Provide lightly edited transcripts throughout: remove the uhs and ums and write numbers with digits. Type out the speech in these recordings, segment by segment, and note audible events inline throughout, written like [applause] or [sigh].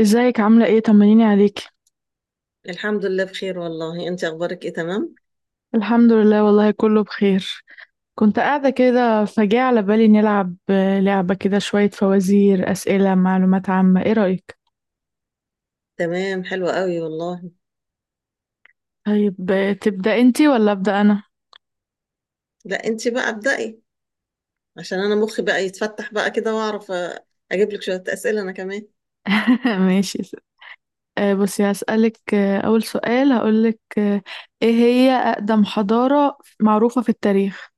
ازيك؟ عاملة ايه؟ طمنيني عليكي. الحمد لله بخير والله، انت اخبارك ايه؟ تمام الحمد لله، والله كله بخير. كنت قاعدة كده فجاء على بالي نلعب لعبة كده، شوية فوازير، أسئلة معلومات عامة. ايه رأيك؟ تمام، حلوة قوي والله. طيب، تبدأ انتي ولا أبدأ أنا؟ لا انت بقى ابدأي عشان انا مخي بقى يتفتح بقى كده واعرف اجيب لك شوية أسئلة انا كمان. [laughs] ماشي. بصي هسألك، أول سؤال هقولك، ايه هي أقدم حضارة معروفة في التاريخ؟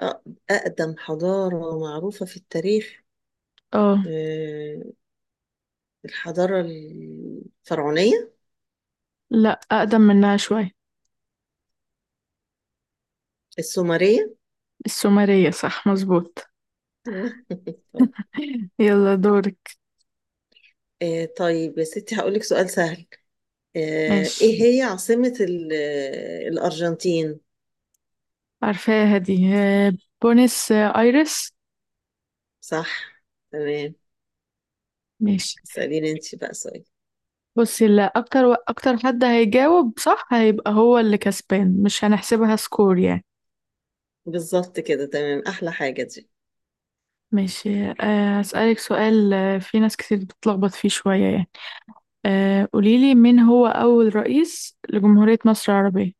اه، اقدم حضارة معروفة في التاريخ؟ اه، اه، الحضارة الفرعونية. لا، أقدم منها شوية. السومرية. السومرية صح، مظبوط. أيوة. [laughs] طب، [laughs] يلا دورك. اه، طيب يا ستي هقول لك سؤال سهل. اه، ماشي. ايه هي عاصمة الارجنتين؟ عارفاها دي، بونس ايرس. صح، تمام. ماشي. اسأليني انت بقى سؤال. بصي، اللي اكتر اكتر حد هيجاوب صح هيبقى هو اللي كسبان، مش هنحسبها سكور يعني. بالظبط كده، تمام، احلى حاجه دي. ماشي، هسألك سؤال، في ناس كتير بتتلخبط فيه شوية يعني. قوليلي، مين هو أول رئيس لجمهورية مصر العربية؟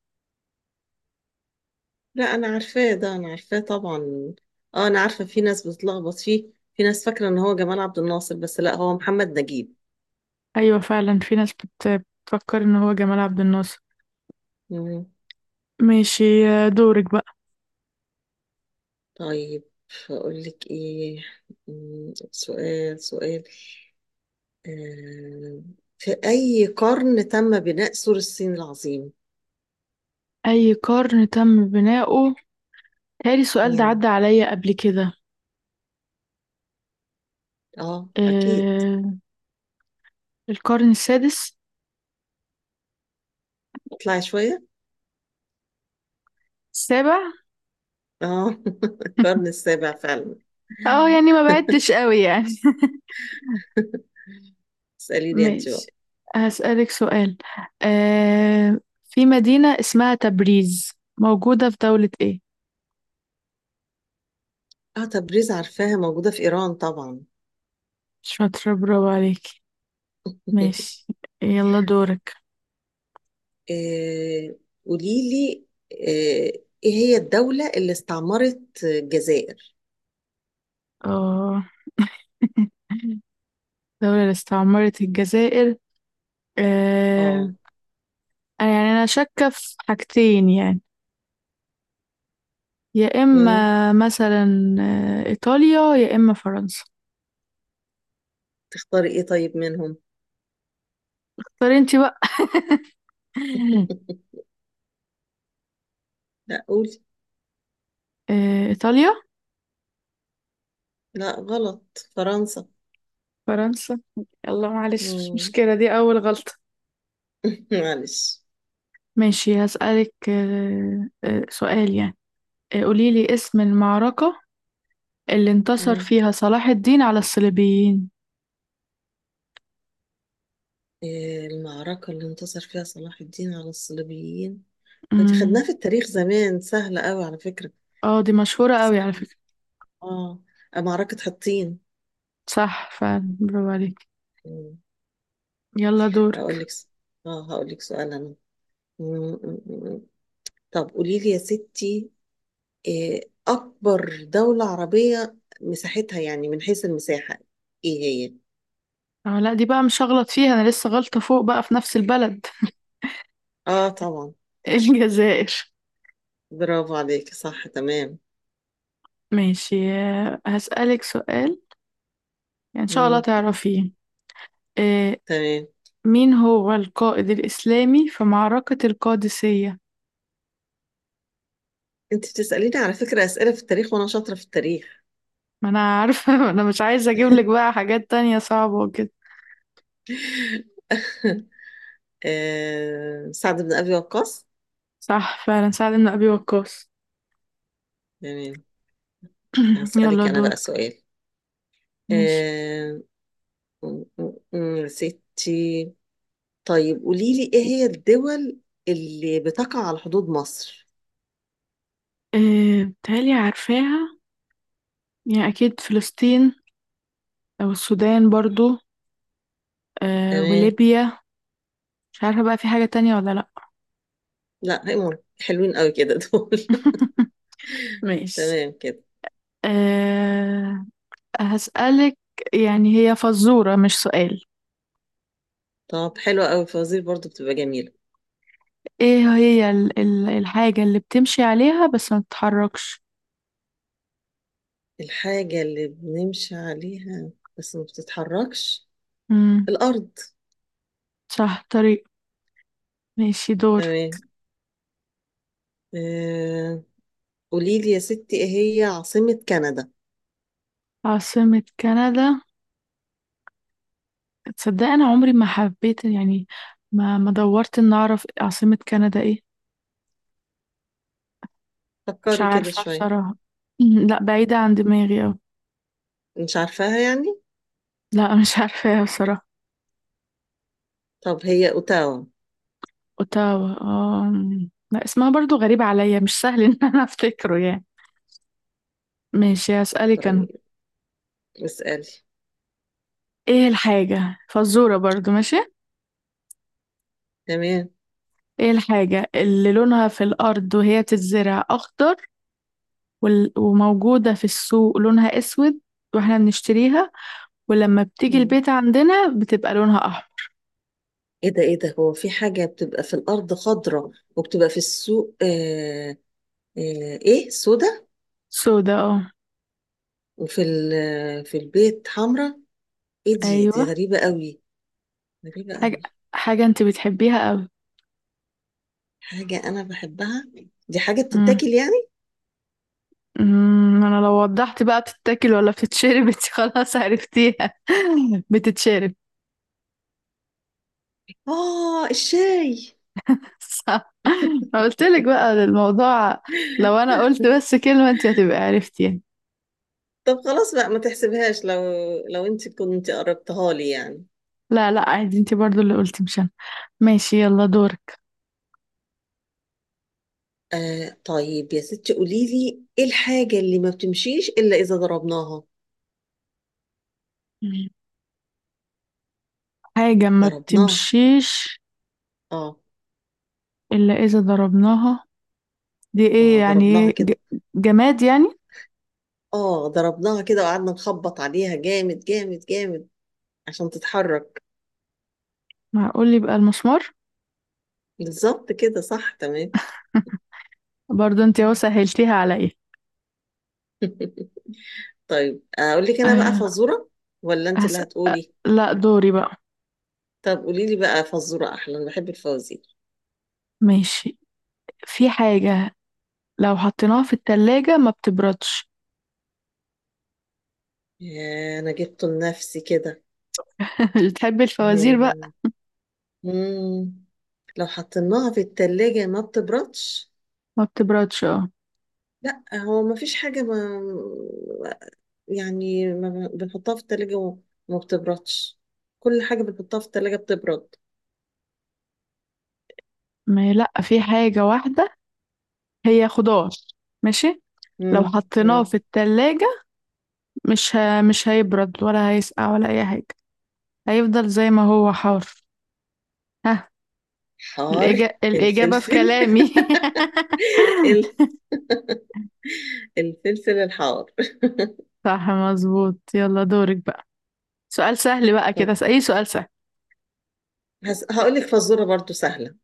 لا انا عارفاه ده، انا عارفاه طبعا. اه انا عارفه، في ناس بتلخبط فيه، في ناس فاكره ان هو جمال عبد الناصر، بس لا، هو محمد نجيب. أيوة، فعلا في ناس بتفكر إن هو جمال عبد الناصر. مم. ماشي، دورك بقى. طيب اقول لك ايه، سؤال سؤال. آه. في اي قرن تم بناء سور الصين العظيم؟ أي قرن تم بناؤه؟ تالي، السؤال ده مم. عدى عليا قبل كده. اه اكيد. آه، القرن السادس. طلعي شويه. السابع. اه [laughs] القرن [laughs] السابع فعلا. اه، يعني ما بعدتش قوي يعني. [laughs] [laughs] اساليني انت بقى. ماشي، هسألك سؤال. في مدينة اسمها تبريز، موجودة في دولة ايه؟ اه تبريز عارفاها، موجودة في إيران طبعا. شاطرة، برافو عليكي. [laughs] ماشي، يلا دورك. آه، قوليلي، آه، ايه هي الدولة اللي استعمرت الجزائر؟ اه. [laughs] دولة اللي استعمرت الجزائر. اه. آه يعني أنا شاكة في حاجتين يعني. يا مم. إما، مثلا، إيطاليا، يا إما فرنسا. تختاري ايه طيب منهم؟ اختاري انتي بقى. [laughs] [laughs] لا قولي. إيطاليا. لا غلط، فرنسا. فرنسا. يلا معلش، مش مم. مشكلة، دي أول غلطة. [laughs] معلش. ماشي، هسألك سؤال يعني. قوليلي اسم المعركة اللي انتصر مم. فيها صلاح الدين على الصليبيين. آه، المعركة اللي انتصر فيها صلاح الدين على الصليبيين، دي خدناها امم. في التاريخ زمان، سهلة قوي على فكرة. اه، دي مشهورة قوي على سهلة. فكرة. اه معركة حطين. صح فعلا، برافو عليك. مم. يلا هقول دورك. لك س- اه هقول لك سؤال انا. م- م- م- طب قولي لي يا ستي، إيه اكبر دولة عربية مساحتها، يعني من حيث المساحة، ايه هي؟ اه لا، دي بقى مش هغلط فيها، انا لسه غلطة فوق بقى في نفس البلد. اه طبعا. [laughs] الجزائر. برافو عليك، صح تمام. ماشي، هسألك سؤال، يعني ان شاء الله مم. تعرفيه. آه، تمام. مين هو القائد الإسلامي في معركة القادسية؟ انت بتسأليني على فكرة أسئلة في التاريخ وانا شاطرة في التاريخ. ما انا عارفة. [laughs] انا مش عايزة اجيب لك [laughs] بقى حاجات تانية صعبة وكده. آه سعد بن ابي وقاص. صح فعلا، سعد بن ابي وقاص. تمام. [clears throat] يلا هسألك انا بقى دورك. سؤال. ماشي. آه. يا ستي، طيب قولي لي ايه هي الدول اللي بتقع على حدود مصر؟ إيه، بتهيألي عارفاها. يعني اكيد فلسطين، او السودان برضو، إيه، تمام. وليبيا. مش عارفة بقى، في حاجة تانية ولا لا. لا هيمون، حلوين قوي كده دول. [laughs] [laughs] ماشي. تمام كده. إيه، هسألك، يعني هي فزورة مش سؤال. طب حلوة قوي الفوازير برضو، بتبقى جميلة. ايه هي ال ال الحاجة اللي بتمشي عليها بس ما بتتحركش؟ الحاجة اللي بنمشي عليها بس ما بتتحركش؟ امم. الأرض. صح، طريق. ماشي، دور. تمام. آه، قولي لي يا ستي، ايه هي عاصمة كندا؟ عاصمة كندا؟ تصدق انا عمري ما حبيت يعني، ما دورت ان اعرف عاصمة كندا ايه. مش فكري كده عارفة شوية. بصراحة. لا، بعيدة عن دماغي اوي. مش عارفاها يعني؟ لا، مش [laughs] عارفة بصراحة. طب هي أوتاوا. اوتاوا؟ اه. أمم. لا، اسمها برضو غريب عليا، مش سهل ان انا افتكره يعني. ماشي، هسألك انا. طيب اسألي. ايه الحاجة، فزورة برضو، ماشي. تمام. ايه الحاجة اللي لونها في الارض وهي بتتزرع اخضر، وموجودة في السوق لونها اسود، واحنا بنشتريها، ولما بتيجي البيت عندنا بتبقى لونها احمر؟ ايه ده، ايه ده، هو في حاجة بتبقى في الأرض خضرة وبتبقى في السوق آه، آه ايه سودة، سودا، اه. وفي في البيت حمرة؟ ايه دي، دي ايوه. غريبة قوي. غريبة حاجه قوي. حاجه انت بتحبيها قوي. حاجة أنا بحبها؟ دي حاجة امم. بتتاكل يعني؟ انا لو وضحت بقى بتتاكل ولا بتتشرب، [laughs] انت خلاص عرفتيها. [laughs] بتتشرب. اه الشاي. صح. ما قلت لك [laughs] بقى الموضوع، لو انا قلت بس كلمه انت هتبقى عرفتي يعني. طب خلاص بقى ما تحسبهاش، لو لو انت كنت قربتها لي يعني. لا، لا، عادي، انت برضو اللي قلتي مش انا. ماشي، يلا دورك. آه طيب يا ستي، قولي لي ايه الحاجة اللي ما بتمشيش إلا إذا ضربناها؟ مم. حاجه ما ضربناها، بتمشيش اه. الا اذا ضربناها، دي ايه؟ اه يعني ضربناها ايه، كده. جماد يعني؟ اه ضربناها كده وقعدنا نخبط عليها جامد جامد جامد عشان تتحرك. معقول يبقى المسمار؟ بالظبط كده، صح تمام. برضه انت اهو [laughs] سهلتيها عليا. طيب اقول لك انا بقى أه، فزوره، ولا انت اللي هسأل. أه، هتقولي؟ لا دوري بقى. طب قولي لي بقى فزوره احلى، انا بحب الفوازير. ماشي. في حاجة لو حطيناها في التلاجة ما بتبردش. يا انا جبته لنفسي كده. [laughs] مش بتحبي الفوازير مم. بقى؟ مم. لو حطيناها في التلاجة ما بتبردش؟ ما بتبردش، اه. لا هو ما فيش حاجة، ما يعني ما بنحطها في التلاجة وما بتبردش، كل حاجة بنحطها في التلاجة بتبرد. ما، لا، في حاجة واحدة، هي خضار، ماشي. لو مم. حطيناه مم. في التلاجة مش هيبرد ولا هيسقع ولا أي حاجة، هيفضل زي ما هو حار. ها؟ حار، الإجابة في الفلفل. [laughs] كلامي. [laughs] ال- الفلفل الحار. صح مظبوط، يلا دورك بقى، سؤال سهل بقى طب كده، أي سؤال سهل. هقول لك فزورة برضو سهلة.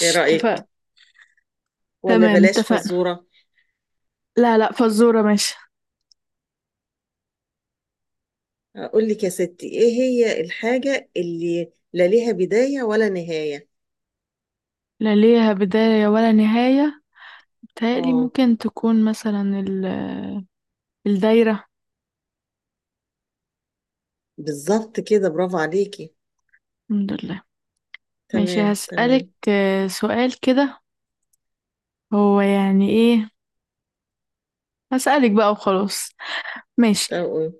ايه رأيك، اتفقنا. ولا تمام، بلاش اتفقنا. فزورة؟ لا، لا، فزورة ماشي. اقول لك يا ستي، ايه هي الحاجة اللي لا ليها بداية ولا نهاية؟ لا ليها بداية ولا نهاية. بتهيألي اه ممكن تكون مثلا الدايرة. بالظبط كده، برافو عليكي. الحمد لله. ماشي، تمام هسألك تمام. سؤال كده هو يعني ايه. هسألك بقى وخلاص. ماشي. طب قول.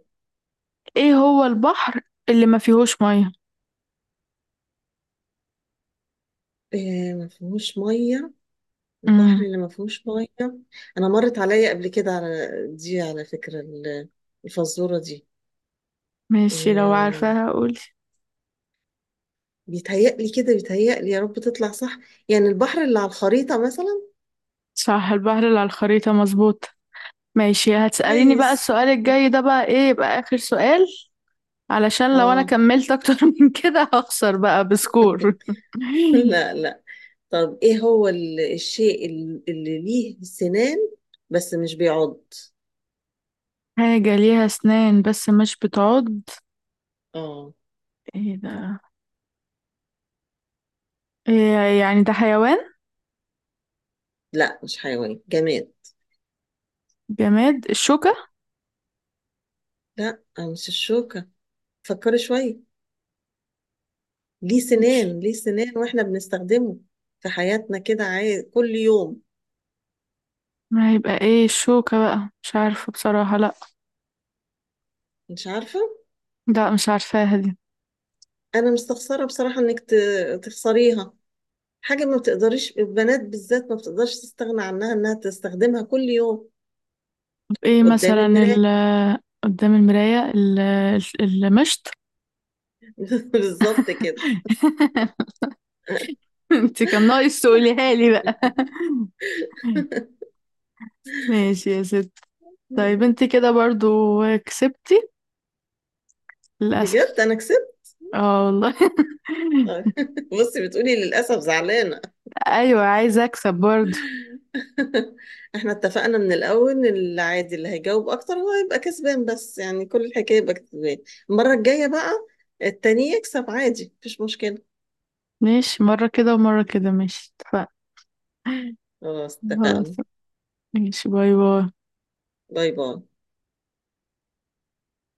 ايه هو البحر اللي ما فيهوش مية؟ إيه ما فيهوش مية؟ البحر امم. اللي ما فيهوش ميه، انا مرت عليا قبل كده على دي، على فكره، الفزوره دي. ماشي، لو آه، عارفاها قولي. بيتهيألي كده، بيتهيألي يا رب تطلع صح، يعني البحر اللي على الخريطه مثلا. صح، البحر اللي على الخريطة، مظبوط. ماشي، هتسأليني بقى كويس. السؤال الجاي ده بقى، ايه يبقى آخر سؤال. علشان لو انا اه كملت اكتر [laughs] من كده، هخسر بقى بسكور. [laughs] [laughs] لا لا. طب ايه هو الشيء اللي ليه سنان بس مش بيعض؟ حاجة ليها اسنان بس مش بتعض؟ اه. ايه ده؟ إيه يعني، ده حيوان؟ لا مش حيوان، جماد. جماد. الشوكة. لا مش الشوكه، فكري شويه. ليه مش، سنان، ليه سنان، واحنا بنستخدمه في حياتنا كده كل يوم. ما هيبقى ايه الشوكة بقى، مش عارفة بصراحة، لا. مش عارفة؟ لا، مش عارفاها دي. انا مستخسرة بصراحة انك تخسريها، حاجة ما بتقدريش البنات بالذات ما بتقدرش تستغنى عنها، انها تستخدمها كل يوم. طب ايه قدام مثلا المراية. قدام المراية. المشط. [laughs] بالظبط كده. [laughs] انت كان ناقص تقوليها لي بقى. [laughs] [laughs] ماشي يا ست. طيب انت كده برضو كسبتي، بجد للأسف. انا كسبت. اه والله. [laughs] [laughs] بصي بتقولي للاسف، زعلانة. ايوه، عايزه اكسب برضه. [laughs] احنا اتفقنا من الاول ان العادي اللي هيجاوب اكتر هو يبقى كسبان، بس يعني كل الحكايه يبقى كسبان. المره الجايه بقى التاني يكسب عادي، مفيش مشكله. ماشي، مره كده ومره كده، ماشي اتفقنا. خلاص خلاص. اتفقنا، ماشي، باي باي. باي باي.